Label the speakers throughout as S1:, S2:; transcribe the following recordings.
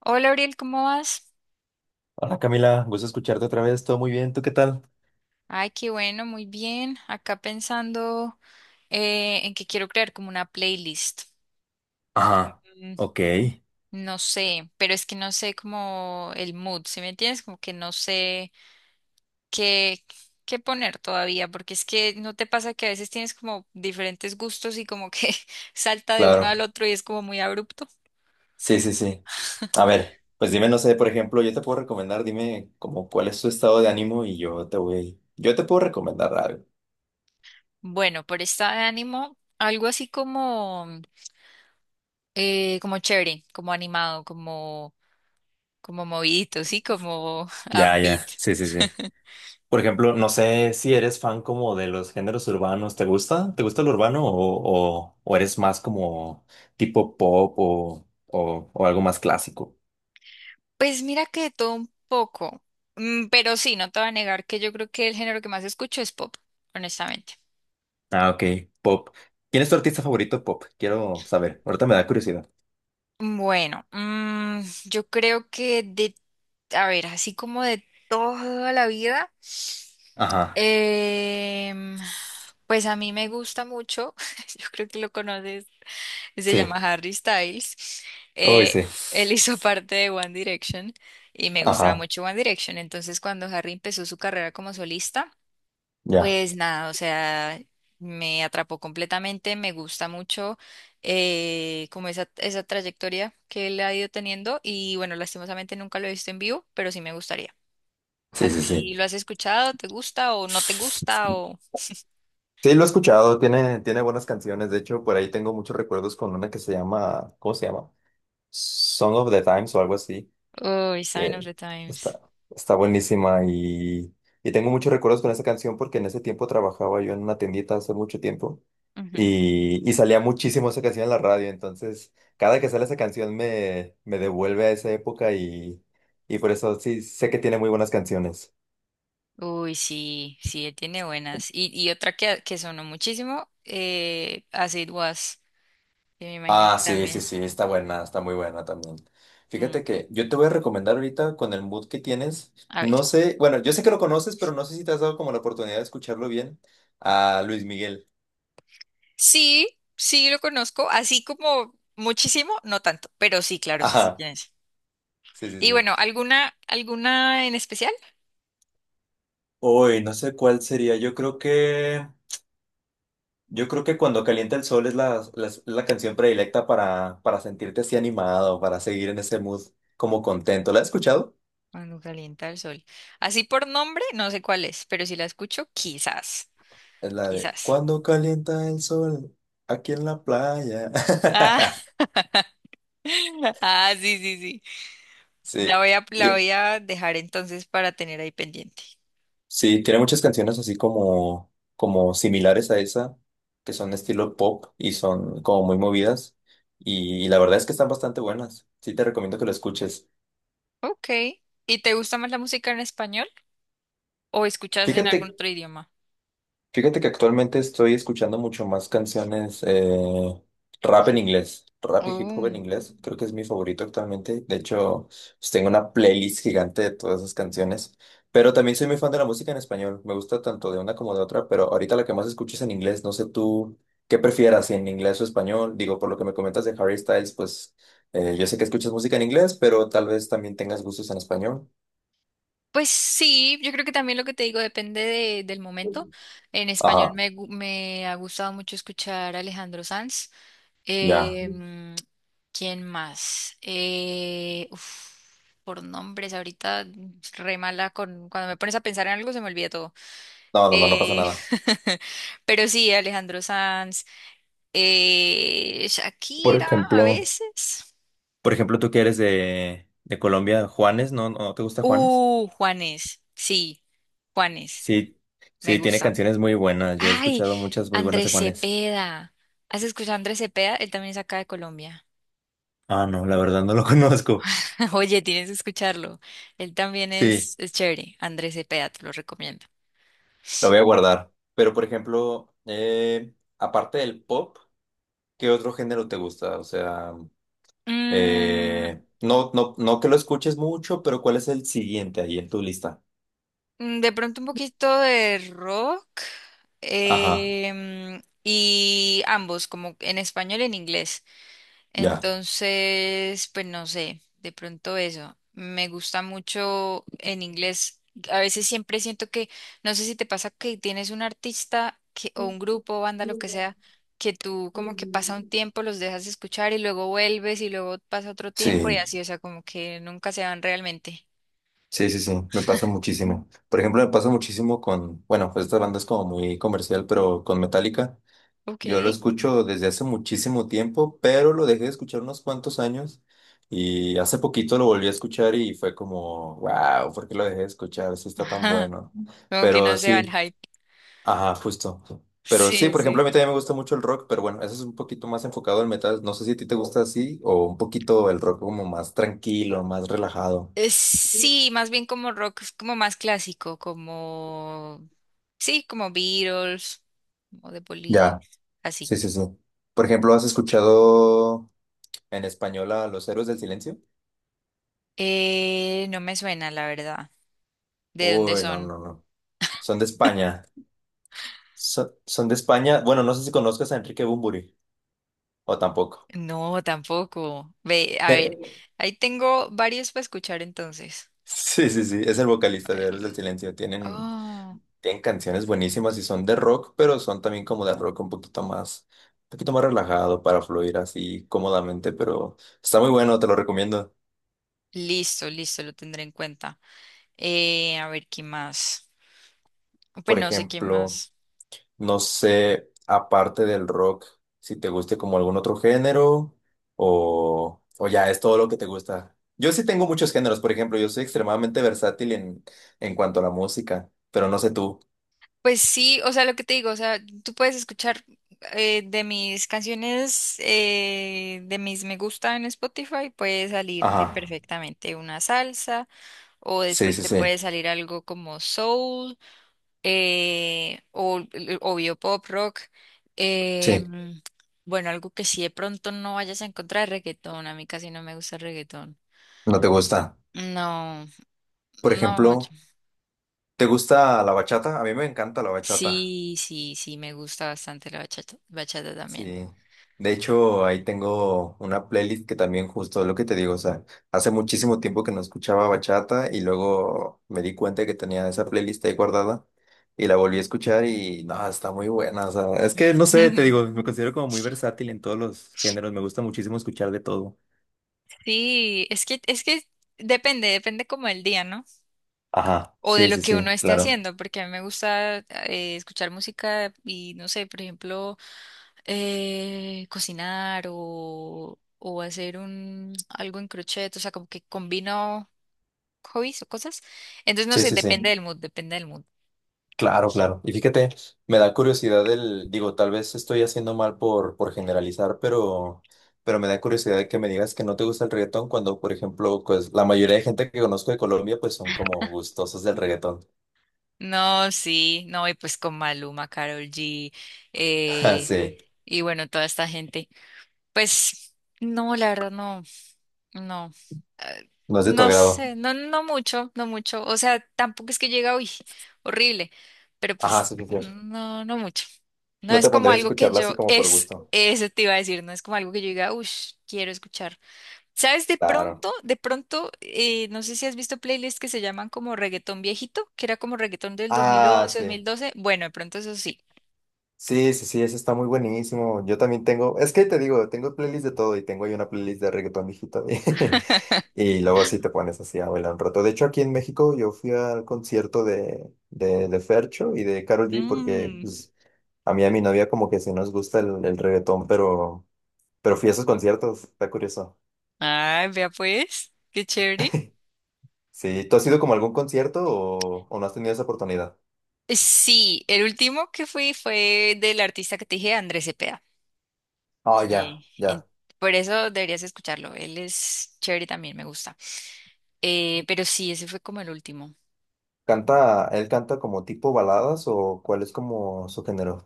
S1: Hola, Ariel, ¿cómo vas?
S2: Hola Camila, gusto escucharte otra vez, todo muy bien, ¿tú qué tal?
S1: Ay, qué bueno, muy bien. Acá pensando, en que quiero crear como una playlist.
S2: Ajá,
S1: Mm.
S2: ok.
S1: No sé, pero es que no sé como el mood, ¿sí me entiendes? Como que no sé qué, qué poner todavía, porque es que no te pasa que a veces tienes como diferentes gustos y como que salta de uno al
S2: Claro,
S1: otro y es como muy abrupto.
S2: sí, sí, sí. A ver, pues dime, no sé, por ejemplo, yo te puedo recomendar, dime como cuál es tu estado de ánimo y yo te puedo recomendar algo.
S1: Bueno, por esta de ánimo, algo así como, como chévere, como animado, como movidito, sí, como
S2: Ya, ya.
S1: upbeat.
S2: Sí, sí, sí. Por ejemplo, no sé si eres fan como de los géneros urbanos, ¿te gusta? ¿Te gusta el urbano o eres más como tipo pop o algo más clásico?
S1: Pues mira que de todo un poco. Mm. Pero sí, no te voy a negar que yo creo que el género que más escucho es pop, honestamente.
S2: Ah, ok. Pop. Pop. ¿Quién es tu artista favorito pop? Quiero saber, ahorita me da curiosidad.
S1: Bueno, yo creo que de, a ver, así como de toda la vida,
S2: Ajá,
S1: em, pues a mí me gusta mucho, yo creo que lo conoces, se
S2: sí,
S1: llama Harry Styles.
S2: uy,
S1: Eh,
S2: sí,
S1: él hizo parte de One Direction y me gustaba
S2: ajá,
S1: mucho One Direction. Entonces, cuando Harry empezó su carrera como solista,
S2: ya,
S1: pues nada, o sea, me atrapó completamente, me gusta mucho, como esa trayectoria que él ha ido teniendo y bueno, lastimosamente nunca lo he visto en vivo, pero sí me gustaría. ¿A
S2: sí, sí, sí.
S1: ti lo has escuchado? ¿Te gusta o no te gusta?
S2: Sí, lo he escuchado, tiene buenas canciones, de hecho, por ahí tengo muchos recuerdos con una que se llama, ¿cómo se llama? Song of the Times o algo así,
S1: Oh, Sign of
S2: que
S1: the Times.
S2: está, está buenísima y tengo muchos recuerdos con esa canción porque en ese tiempo trabajaba yo en una tiendita hace mucho tiempo y salía muchísimo esa canción en la radio, entonces cada que sale esa canción me devuelve a esa época y por eso sí sé que tiene muy buenas canciones.
S1: Uy, sí, sí, tiene buenas. Y otra que sonó muchísimo, As It Was, que me imagino que
S2: Ah, sí, sí,
S1: también.
S2: sí, está buena, está muy buena también. Fíjate
S1: Mm.
S2: que yo te voy a recomendar ahorita con el mood que tienes,
S1: A ver.
S2: no sé, bueno, yo sé que lo conoces, pero no sé si te has dado como la oportunidad de escucharlo bien, a Luis Miguel.
S1: Sí, sí lo conozco, así como muchísimo, no tanto, pero sí, claro, sí, sí
S2: Ajá,
S1: tienes.
S2: sí, sí,
S1: Y bueno,
S2: sí.
S1: ¿alguna en especial?
S2: Uy, no sé cuál sería, yo creo que Cuando calienta el sol es es la canción predilecta para sentirte así animado, para seguir en ese mood como contento. ¿La has escuchado?
S1: Cuando calienta el sol. Así por nombre, no sé cuál es, pero si la escucho, quizás,
S2: Es la de
S1: quizás.
S2: Cuando calienta el sol, aquí en la playa.
S1: Ah, ah, sí, sí, sí. La
S2: Sí,
S1: voy a, la
S2: y,
S1: voy a dejar entonces para tener ahí pendiente.
S2: sí, tiene muchas canciones así como, como similares a esa, que son estilo pop y son como muy movidas. Y la verdad es que están bastante buenas. Sí, te recomiendo que lo escuches.
S1: Ok. ¿Y te gusta más la música en español o escuchas en
S2: Fíjate
S1: algún otro idioma?
S2: Fíjate que actualmente estoy escuchando mucho más canciones rap en inglés, rap y hip hop en
S1: Oh.
S2: inglés, creo que es mi favorito actualmente, de hecho pues, tengo una playlist gigante de todas esas canciones, pero también soy muy fan de la música en español, me gusta tanto de una como de otra, pero ahorita la que más escucho es en inglés, no sé tú qué prefieras, si en inglés o español, digo, por lo que me comentas de Harry Styles, pues yo sé que escuchas música en inglés, pero tal vez también tengas gustos en español.
S1: Pues sí, yo creo que también lo que te digo depende del momento. En español
S2: Ajá,
S1: me ha gustado mucho escuchar a Alejandro Sanz.
S2: ya.
S1: Eh, mm, ¿Quién más? Uf, por nombres, ahorita re mala con, cuando me pones a pensar en algo se me olvida todo.
S2: No, no, no, no pasa
S1: Eh,
S2: nada.
S1: pero sí, Alejandro Sanz,
S2: Por
S1: Shakira a
S2: ejemplo.
S1: veces.
S2: Por ejemplo, tú que eres de Colombia, Juanes, ¿no? ¿No te gusta Juanes?
S1: Juanes. Sí, Juanes.
S2: Sí,
S1: Me
S2: sí, tiene
S1: gusta.
S2: canciones muy buenas. Yo he
S1: Ay,
S2: escuchado muchas muy buenas de
S1: Andrés
S2: Juanes.
S1: Cepeda. ¿Has escuchado a Andrés Cepeda? Él también es acá de Colombia.
S2: Ah, no, la verdad no lo conozco.
S1: Oye, tienes que escucharlo. Él también
S2: Sí,
S1: es chévere. Andrés Cepeda, te lo recomiendo.
S2: lo voy a guardar. Pero, por ejemplo, aparte del pop, ¿qué otro género te gusta? O sea,
S1: Mm,
S2: no que lo escuches mucho, pero ¿cuál es el siguiente ahí en tu lista?
S1: de pronto un poquito de rock.
S2: Ajá,
S1: Y ambos, como en español y en inglés.
S2: ya.
S1: Entonces, pues no sé, de pronto eso. Me gusta mucho en inglés. A veces siempre siento que, no sé si te pasa que tienes un artista que, o un grupo, banda, lo que sea, que tú como que pasa un tiempo, los dejas de escuchar y luego vuelves y luego pasa otro tiempo y
S2: Sí.
S1: así, o sea, como que nunca se van realmente.
S2: Sí, sí, sí, me pasa muchísimo. Por ejemplo, me pasa muchísimo con, bueno, pues esta banda es como muy comercial, pero con Metallica.
S1: Ok.
S2: Yo lo escucho desde hace muchísimo tiempo, pero lo dejé de escuchar unos cuantos años y hace poquito lo volví a escuchar y fue como, wow, ¿por qué lo dejé de escuchar? Eso está tan
S1: Ajá,
S2: bueno.
S1: como que no
S2: Pero
S1: se va el
S2: sí,
S1: hype.
S2: ajá, justo. Pero sí,
S1: Sí,
S2: por ejemplo,
S1: sí.
S2: a mí también me gusta mucho el rock, pero bueno, eso es un poquito más enfocado al metal. No sé si a ti te gusta así o un poquito el rock como más tranquilo, más relajado.
S1: Sí, más bien como rock, es como más clásico, como, sí, como Beatles, como The Police,
S2: Ya.
S1: así.
S2: Sí, sí, sí. Por ejemplo, ¿has escuchado en español a Los Héroes del Silencio?
S1: No me suena, la verdad. ¿De dónde
S2: Uy, no,
S1: son?
S2: no, no. Son de España. Son de España. Bueno, no sé si conozcas a Enrique Bunbury o tampoco.
S1: No, tampoco. Ve, a ver,
S2: Eh,
S1: ahí tengo varios para escuchar entonces.
S2: sí, sí, sí. Es el
S1: A
S2: vocalista de
S1: ver,
S2: Héroes del Silencio.
S1: oh,
S2: Tienen canciones buenísimas y son de rock, pero son también como de rock un poquito más relajado para fluir así cómodamente, pero está muy bueno, te lo recomiendo.
S1: listo, listo, lo tendré en cuenta. A ver, ¿qué más? Pues
S2: Por
S1: no sé qué
S2: ejemplo.
S1: más.
S2: No sé, aparte del rock, si te guste como algún otro género o ya es todo lo que te gusta. Yo sí tengo muchos géneros, por ejemplo, yo soy extremadamente versátil en cuanto a la música, pero no sé tú.
S1: Pues sí, o sea, lo que te digo, o sea, tú puedes escuchar, de mis canciones, de mis me gusta en Spotify, puede salirte
S2: Ajá.
S1: perfectamente una salsa, o
S2: Sí,
S1: después
S2: sí,
S1: te puede
S2: sí.
S1: salir algo como soul, o obvio pop rock. eh,
S2: Sí,
S1: mm, bueno, algo que sí de pronto no vayas a encontrar reggaetón, a mí casi no me gusta el reggaetón.
S2: no te gusta.
S1: No,
S2: Por
S1: no mucho.
S2: ejemplo, ¿te gusta la bachata? A mí me encanta la bachata.
S1: Sí, sí, sí, me gusta bastante la bachata, bachata también.
S2: Sí, de hecho ahí tengo una playlist que también justo es lo que te digo, o sea, hace muchísimo tiempo que no escuchaba bachata y luego me di cuenta que tenía esa playlist ahí guardada y la volví a escuchar y no, está muy buena, o sea, es que no sé, te digo, me considero como muy versátil en todos los géneros, me gusta muchísimo escuchar de todo.
S1: Sí, es que depende, depende como el día, ¿no?
S2: Ajá,
S1: O de
S2: sí,
S1: lo
S2: sí,
S1: que
S2: sí,
S1: uno esté
S2: claro.
S1: haciendo, porque a mí me gusta, escuchar música y no sé, por ejemplo, cocinar o hacer un algo en crochet, o sea, como que combino hobbies o cosas. Entonces, no
S2: Sí,
S1: sé,
S2: sí, sí.
S1: depende del mood, depende del mood.
S2: Claro, claro. Y fíjate, me da curiosidad el, digo, tal vez estoy haciendo mal por generalizar, pero me da curiosidad de que me digas que no te gusta el reggaetón cuando, por ejemplo, pues la mayoría de gente que conozco de Colombia, pues son como gustosos del reggaetón.
S1: No, sí, no, y pues con Maluma, Karol G,
S2: Ah,
S1: eh,
S2: sí,
S1: y bueno, toda esta gente. Pues no, la verdad no. No. eh,
S2: no es de tu
S1: No
S2: agrado.
S1: sé, no, no mucho, no mucho. O sea, tampoco es que llega, uy, horrible, pero
S2: Ajá,
S1: pues
S2: sí, sí, sí.
S1: no, no mucho. No
S2: No
S1: es
S2: te
S1: como
S2: pondrías a
S1: algo que
S2: escucharla así
S1: yo,
S2: como por
S1: es,
S2: gusto.
S1: eso te iba a decir, no es como algo que yo diga, uy, quiero escuchar. ¿Sabes? De
S2: Claro.
S1: pronto, de pronto, no sé si has visto playlists que se llaman como reggaetón viejito, que era como reggaetón del dos dos mil
S2: Ah,
S1: once, dos
S2: sí.
S1: mil doce. Bueno, de pronto eso sí.
S2: Sí, sí, sí, eso está muy buenísimo. Yo también tengo, es que te digo, tengo playlist de todo y tengo ahí una playlist de reggaetón, viejito. Y luego sí te pones así a bailar un rato. De hecho, aquí en México yo fui al concierto de Fercho y de Karol G porque
S1: Mm.
S2: pues, a mí y a mi novia como que sí nos gusta el reggaetón, pero fui a esos conciertos, está curioso.
S1: Ay, vea pues, qué chévere.
S2: Sí, ¿tú has ido como a algún concierto o no has tenido esa oportunidad?
S1: Sí, el último que fui fue del artista que te dije, Andrés Cepeda.
S2: Ah, ya,
S1: que en-
S2: ya.
S1: por eso deberías escucharlo. Él es chévere también, me gusta. Pero sí, ese fue como el último.
S2: ¿Canta, él canta como tipo baladas o cuál es como su género?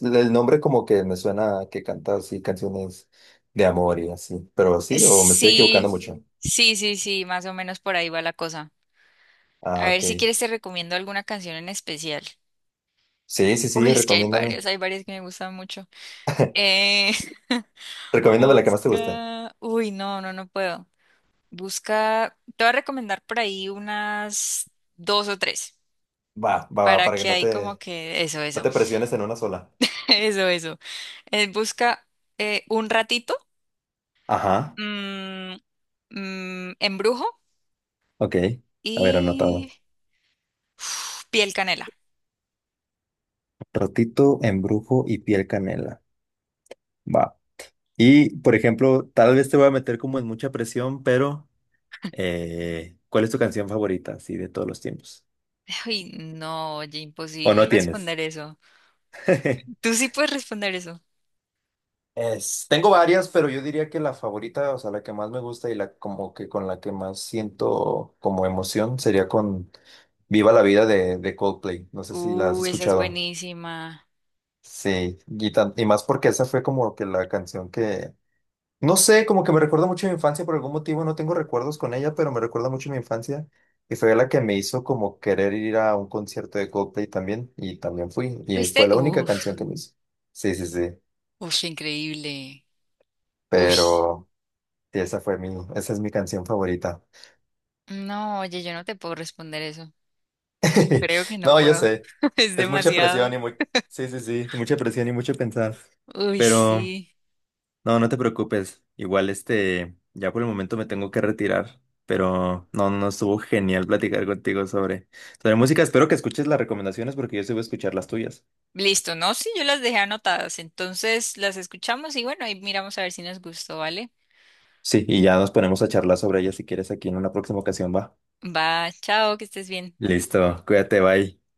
S2: El nombre como que me suena a que canta así canciones de amor y así, pero sí, o me estoy
S1: Sí,
S2: equivocando mucho.
S1: sí, sí, sí, más o menos por ahí va la cosa.
S2: Ah,
S1: A ver
S2: ok.
S1: si quieres te recomiendo alguna canción en especial.
S2: Sí, sí,
S1: Uy,
S2: sí,
S1: es que hay
S2: recomiéndame.
S1: varias, hay varias que me gustan mucho. Eh,
S2: Recomiéndame la que más te guste.
S1: busca. Uy, no, no, no puedo. Busca. Te voy a recomendar por ahí unas dos o tres.
S2: Va,
S1: Para
S2: para que
S1: que
S2: no
S1: ahí como
S2: te,
S1: que eso,
S2: no
S1: eso,
S2: te presiones en una sola.
S1: eso, eso. Busca, un ratito,
S2: Ajá,
S1: mm, embrujo
S2: ok. A ver, anotado.
S1: y uf, piel canela.
S2: Rotito, embrujo y piel canela. Va. Y, por ejemplo, tal vez te voy a meter como en mucha presión, pero ¿cuál es tu canción favorita, así, de todos los tiempos?
S1: Ay, no, oye,
S2: ¿O
S1: imposible
S2: no tienes?
S1: responder eso. Tú sí puedes responder eso.
S2: Tengo varias, pero yo diría que la favorita, o sea, la que más me gusta y la como que con la que más siento como emoción sería con Viva la Vida de Coldplay. No sé si la has
S1: Esa es
S2: escuchado.
S1: buenísima.
S2: Sí, y, y más porque esa fue como que la canción que, no sé, como que me recuerda mucho a mi infancia por algún motivo, no tengo recuerdos con ella, pero me recuerda mucho a mi infancia y fue la que me hizo como querer ir a un concierto de Coldplay también y también fui y
S1: ¿Fuiste?
S2: fue la única
S1: Uf,
S2: canción que me hizo. Sí, sí, sí,
S1: uf, increíble. Uf.
S2: pero... Sí, esa es mi canción favorita.
S1: No, oye, yo no te puedo responder eso. Creo que no
S2: No, yo
S1: puedo.
S2: sé.
S1: Es
S2: Es mucha presión
S1: demasiado.
S2: y muy, sí, sí, sí, mucha presión y mucho pensar.
S1: Uy,
S2: Pero
S1: sí.
S2: no, no te preocupes. Igual este, ya por el momento me tengo que retirar. Pero no, no estuvo genial platicar contigo sobre, sobre música. Espero que escuches las recomendaciones porque yo sí voy a escuchar las tuyas.
S1: Listo, ¿no? Sí, yo las dejé anotadas. Entonces las escuchamos y bueno, ahí miramos a ver si nos gustó, ¿vale?
S2: Sí, y ya nos ponemos a charlar sobre ellas si quieres aquí en una próxima ocasión, va.
S1: Va, chao, que estés bien.
S2: Listo, cuídate, bye.